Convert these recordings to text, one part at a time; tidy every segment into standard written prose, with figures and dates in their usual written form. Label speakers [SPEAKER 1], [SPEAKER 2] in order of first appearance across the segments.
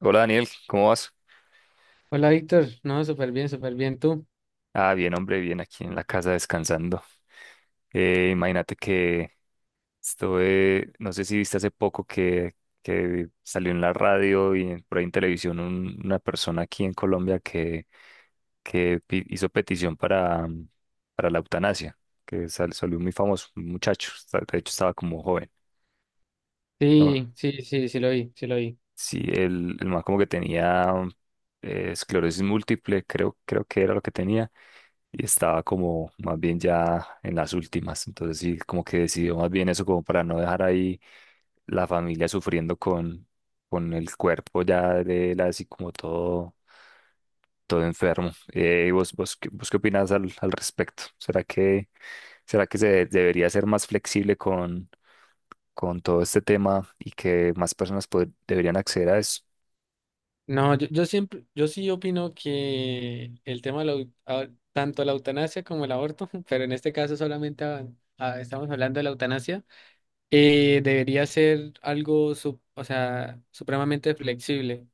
[SPEAKER 1] Hola, Daniel, ¿cómo vas?
[SPEAKER 2] Hola Víctor, no, súper bien tú.
[SPEAKER 1] Ah, bien, hombre, bien aquí en la casa descansando. Imagínate que estuve, no sé si viste hace poco que salió en la radio y por ahí en televisión una persona aquí en Colombia que hizo petición para para la eutanasia, que salió muy famoso, un muchacho, de hecho estaba como joven. ¿No?
[SPEAKER 2] Sí, sí, sí, sí lo vi, sí lo vi.
[SPEAKER 1] Sí, el man como que tenía esclerosis múltiple, creo que era lo que tenía, y estaba como más bien ya en las últimas. Entonces sí, como que decidió más bien eso como para no dejar ahí la familia sufriendo con el cuerpo ya de él, así como todo enfermo. ¿Y vos qué opinás al respecto? ¿Será que se debería ser más flexible con todo este tema y que más personas deberían acceder a eso?
[SPEAKER 2] No, yo siempre, yo sí opino que el tema de la tanto la eutanasia como el aborto, pero en este caso solamente estamos hablando de la eutanasia, debería ser algo, o sea, supremamente flexible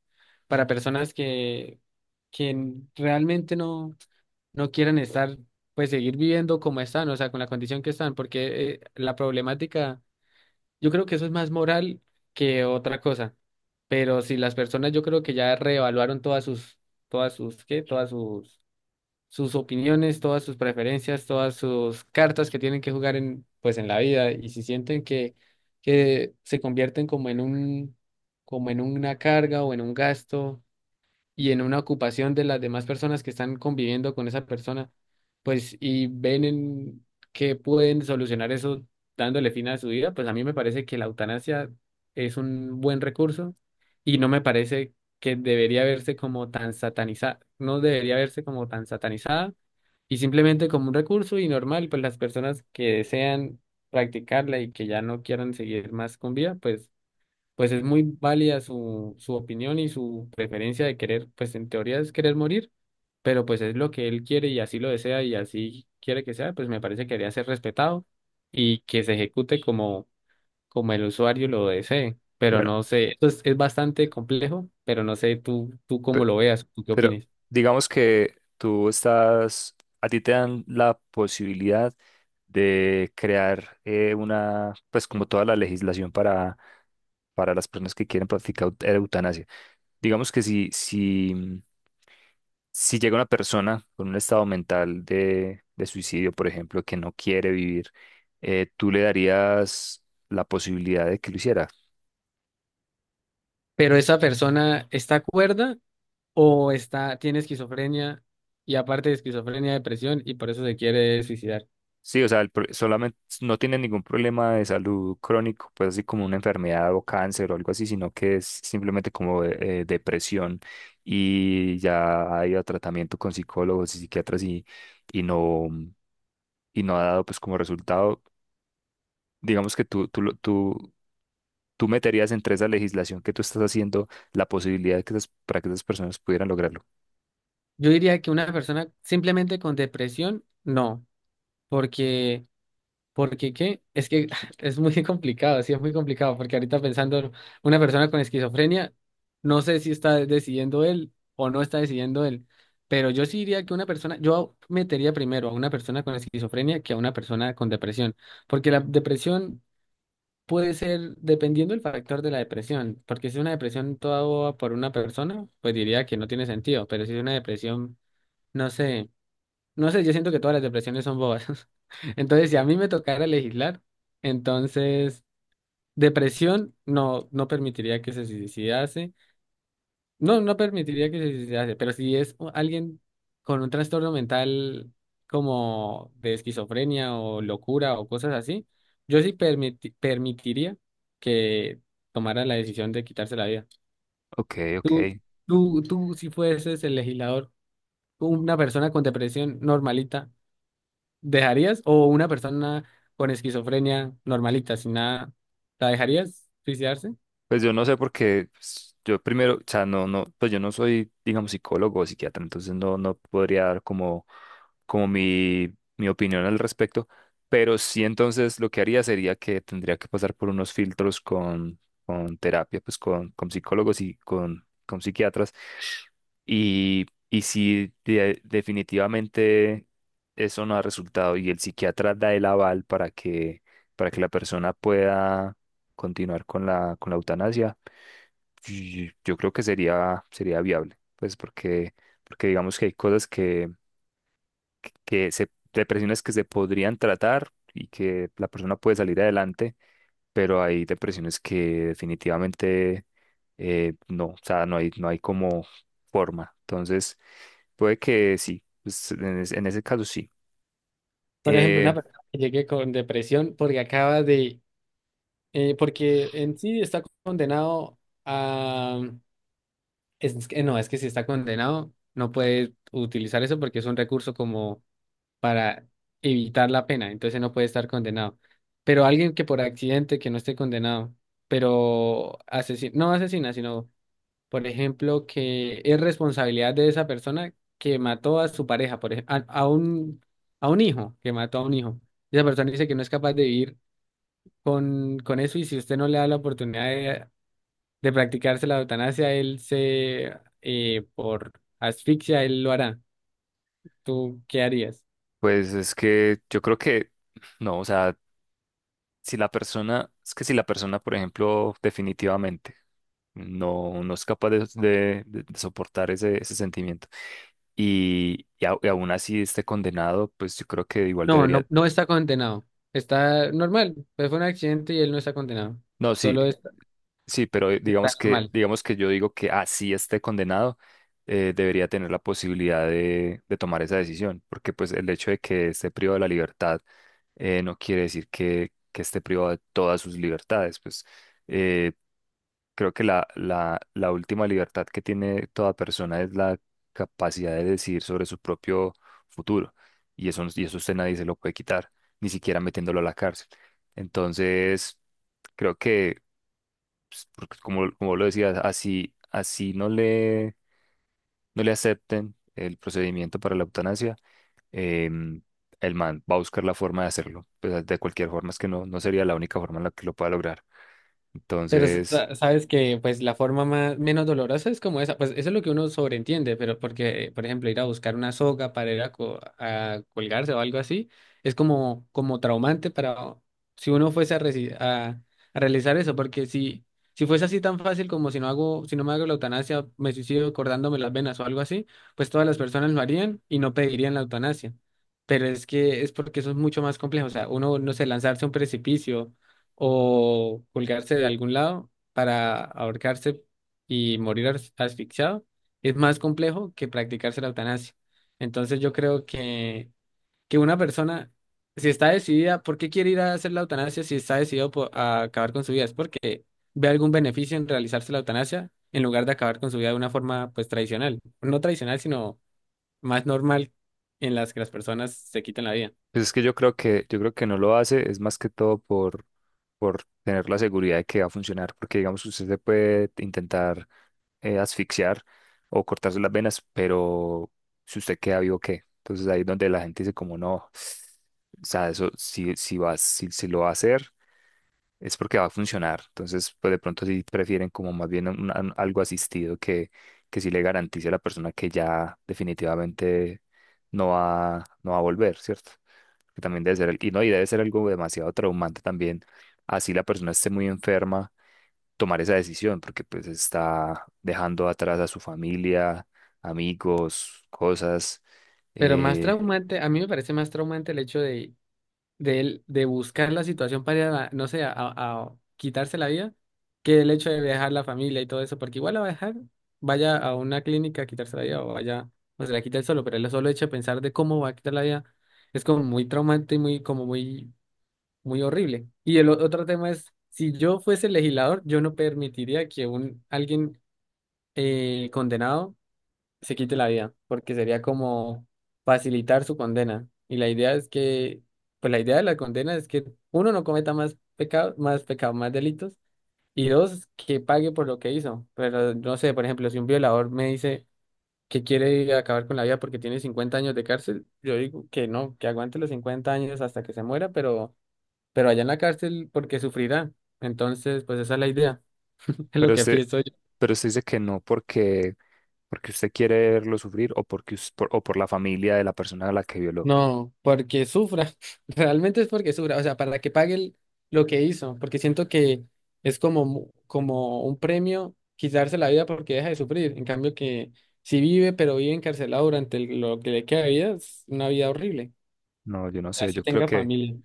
[SPEAKER 2] para personas que realmente no, no quieran estar, pues seguir viviendo como están, o sea, con la condición que están, porque la problemática. Yo creo que eso es más moral que otra cosa. Pero si las personas yo creo que ya reevaluaron todas sus, ¿qué? Sus opiniones, todas sus preferencias, todas sus cartas que tienen que jugar en, pues en la vida. Y si sienten que se convierten como en un, como en una carga o en un gasto y en una ocupación de las demás personas que están conviviendo con esa persona, pues y ven en que pueden solucionar eso dándole fin a su vida, pues a mí me parece que la eutanasia es un buen recurso y no me parece que debería verse como tan satanizada, no debería verse como tan satanizada y simplemente como un recurso y normal, pues las personas que desean practicarla y que ya no quieran seguir más con vida, pues es muy válida su, su opinión y su preferencia de querer, pues en teoría es querer morir, pero pues es lo que él quiere y así lo desea y así quiere que sea, pues me parece que debería ser respetado y que se ejecute como, como el usuario lo desee. Pero
[SPEAKER 1] Bueno,
[SPEAKER 2] no sé, esto es bastante complejo, pero no sé tú, tú cómo
[SPEAKER 1] pe-
[SPEAKER 2] lo veas, tú qué
[SPEAKER 1] pero
[SPEAKER 2] opines.
[SPEAKER 1] digamos que a ti te dan la posibilidad de crear pues como toda la legislación para las personas que quieren practicar eutanasia. Digamos que si llega una persona con un estado mental de suicidio, por ejemplo, que no quiere vivir, ¿tú le darías la posibilidad de que lo hiciera?
[SPEAKER 2] Pero esa persona está cuerda o está, tiene esquizofrenia y aparte de esquizofrenia, depresión y por eso se quiere suicidar.
[SPEAKER 1] Sí, o sea, el solamente no tiene ningún problema de salud crónico, pues así como una enfermedad o cáncer o algo así, sino que es simplemente como depresión y ya ha ido a tratamiento con psicólogos y psiquiatras, y no, y no ha dado pues como resultado. Digamos que tú, lo- tú ¿Tú meterías entre esa legislación que tú estás haciendo la posibilidad de que para que esas personas pudieran lograrlo?
[SPEAKER 2] Yo diría que una persona simplemente con depresión, no, porque, porque qué, es que es muy complicado, sí, es muy complicado, porque ahorita pensando, una persona con esquizofrenia, no sé si está decidiendo él o no está decidiendo él, pero yo sí diría que una persona, yo metería primero a una persona con esquizofrenia que a una persona con depresión, porque la depresión puede ser, dependiendo del factor de la depresión, porque si es una depresión toda boba por una persona, pues diría que no tiene sentido, pero si es una depresión, no sé. No sé, yo siento que todas las depresiones son bobas. Entonces, si a mí me tocara legislar, entonces depresión no, no permitiría que se suicidase. No, no permitiría que se suicidase, pero si es alguien con un trastorno mental como de esquizofrenia o locura o cosas así, yo sí permitiría que tomara la decisión de quitarse la vida.
[SPEAKER 1] Ok,
[SPEAKER 2] Tú,
[SPEAKER 1] ok.
[SPEAKER 2] tú, si fueses el legislador, una persona con depresión normalita. ¿Dejarías? ¿O una persona con esquizofrenia normalita, sin nada, la dejarías suicidarse?
[SPEAKER 1] Pues yo no sé porque pues, yo primero, o sea, pues yo no soy, digamos, psicólogo o psiquiatra, entonces no podría dar como mi opinión al respecto, pero sí, entonces lo que haría sería que tendría que pasar por unos filtros con terapia, pues con psicólogos y con psiquiatras, y si definitivamente eso no ha resultado y el psiquiatra da el aval para que la persona pueda continuar con con la eutanasia, y yo creo que sería viable, pues porque digamos que hay cosas que, depresiones que se podrían tratar y que la persona puede salir adelante, pero hay depresiones que definitivamente no, o sea, no hay como forma. Entonces, puede que sí, en ese caso sí.
[SPEAKER 2] Por ejemplo,
[SPEAKER 1] Eh,
[SPEAKER 2] una persona que llegue con depresión porque acaba de, porque en sí está condenado a, es que no, es que si está condenado no puede utilizar eso porque es un recurso como para evitar la pena, entonces no puede estar condenado. Pero alguien que por accidente, que no esté condenado, pero asesino, no asesina, sino por ejemplo, que es responsabilidad de esa persona que mató a su pareja, por ejemplo, a un hijo, que mató a un hijo. Esa persona dice que no es capaz de vivir con eso y si usted no le da la oportunidad de practicarse la eutanasia, él se, por asfixia, él lo hará. ¿Tú qué harías?
[SPEAKER 1] pues es que yo creo que no, o sea... si la persona, es que si la persona, por ejemplo, definitivamente no es capaz de soportar ese sentimiento y aún así esté condenado, pues yo creo que igual
[SPEAKER 2] No, no,
[SPEAKER 1] debería,
[SPEAKER 2] no está condenado. Está normal, pues fue un accidente y él no está condenado.
[SPEAKER 1] no, sí,
[SPEAKER 2] Solo está,
[SPEAKER 1] sí, pero
[SPEAKER 2] está normal.
[SPEAKER 1] digamos que yo digo que así esté condenado, debería tener la posibilidad de tomar esa decisión, porque pues el hecho de que esté privado de la libertad no quiere decir que esté privado de todas sus libertades, pues eh, creo que la última libertad que tiene toda persona es la capacidad de decidir sobre su propio futuro. Y eso usted nadie se lo puede quitar, ni siquiera metiéndolo a la cárcel. Entonces, creo que, pues, porque como, como lo decías así, así no no le acepten el procedimiento para la eutanasia, em, el man va a buscar la forma de hacerlo. Pues, de cualquier forma, es que no sería la única forma en la que lo pueda lograr.
[SPEAKER 2] Pero
[SPEAKER 1] Entonces...
[SPEAKER 2] sabes que pues la forma más menos dolorosa es como esa, pues eso es lo que uno sobreentiende, pero porque, por ejemplo, ir a buscar una soga para ir a, a colgarse o algo así, es como, como traumante para si uno fuese a, a realizar eso, porque si, si fuese así tan fácil como si no hago, si no me hago la eutanasia, me suicido cortándome las venas o algo así, pues todas las personas lo harían y no pedirían la eutanasia. Pero es que es porque eso es mucho más complejo, o sea, uno, no sé, lanzarse a un precipicio o colgarse de algún lado para ahorcarse y morir asfixiado es más complejo que practicarse la eutanasia. Entonces yo creo que una persona, si está decidida, ¿por qué quiere ir a hacer la eutanasia si está decidido a acabar con su vida? Es porque ve algún beneficio en realizarse la eutanasia en lugar de acabar con su vida de una forma pues tradicional, no tradicional, sino más normal en las que las personas se quitan la vida.
[SPEAKER 1] Pues es que yo creo que, yo creo que no lo hace, es más que todo por tener la seguridad de que va a funcionar, porque digamos que usted se puede intentar asfixiar o cortarse las venas, pero si usted queda vivo, ¿qué? Entonces ahí es donde la gente dice como no, o sea, eso si lo va a hacer, es porque va a funcionar. Entonces, pues de pronto sí prefieren como más bien algo asistido que sí le garantice a la persona que ya definitivamente no va a volver, ¿cierto? Que también debe ser, al- y no, y debe ser algo demasiado traumante también, así la persona esté muy enferma, tomar esa decisión, porque pues está dejando atrás a su familia, amigos, cosas,
[SPEAKER 2] Pero más
[SPEAKER 1] eh,
[SPEAKER 2] traumante, a mí me parece más traumante el hecho de él, de buscar la situación para, ir a no sé, a quitarse la vida, que el hecho de dejar la familia y todo eso, porque igual la va a dejar, vaya a una clínica a quitarse la vida o vaya, o se la quita él solo, pero el solo hecho de pensar de cómo va a quitar la vida es como muy traumante y muy, como muy, muy horrible. Y el otro tema es, si yo fuese legislador, yo no permitiría que un, alguien condenado se quite la vida, porque sería como facilitar su condena. Y la idea es que, pues la idea de la condena es que uno no cometa más pecados, más pecados, más delitos, y dos, que pague por lo que hizo. Pero no sé, por ejemplo, si un violador me dice que quiere acabar con la vida porque tiene 50 años de cárcel, yo digo que no, que aguante los 50 años hasta que se muera, pero allá en la cárcel porque sufrirá. Entonces, pues esa es la idea, es lo
[SPEAKER 1] pero
[SPEAKER 2] que
[SPEAKER 1] usted,
[SPEAKER 2] pienso.
[SPEAKER 1] pero usted dice que no porque, porque usted quiere verlo sufrir o porque, o por la familia de la persona a la que violó.
[SPEAKER 2] No, porque sufra. Realmente es porque sufra. O sea, para que pague lo que hizo. Porque siento que es como, como un premio quitarse la vida porque deja de sufrir. En cambio que si vive, pero vive encarcelado durante lo que le queda de vida, es una vida horrible.
[SPEAKER 1] No, yo no sé,
[SPEAKER 2] Así
[SPEAKER 1] yo creo
[SPEAKER 2] tenga
[SPEAKER 1] que
[SPEAKER 2] familia.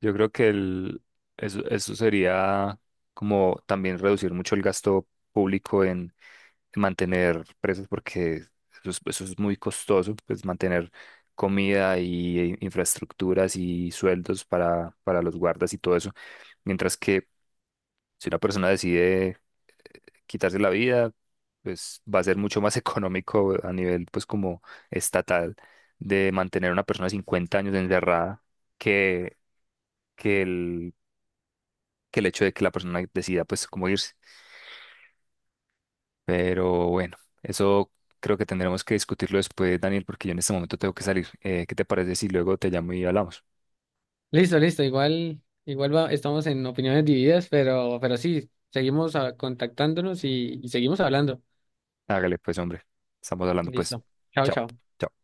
[SPEAKER 1] yo creo que eso, eso sería como también reducir mucho el gasto público en mantener presos porque eso es muy costoso, pues mantener comida y infraestructuras y sueldos para los guardas y todo eso. Mientras que si una persona decide quitarse la vida, pues va a ser mucho más económico a nivel pues como estatal de mantener a una persona 50 años encerrada que, que el que el hecho de que la persona decida pues cómo irse. Pero bueno, eso creo que tendremos que discutirlo después, Daniel, porque yo en este momento tengo que salir. ¿Qué te parece si luego te llamo y hablamos?
[SPEAKER 2] Listo, listo. Igual, igual estamos en opiniones divididas, pero sí, seguimos contactándonos y seguimos hablando.
[SPEAKER 1] Hágale, pues, hombre. Estamos hablando, pues.
[SPEAKER 2] Listo. Chao,
[SPEAKER 1] Chao,
[SPEAKER 2] chao.
[SPEAKER 1] chao.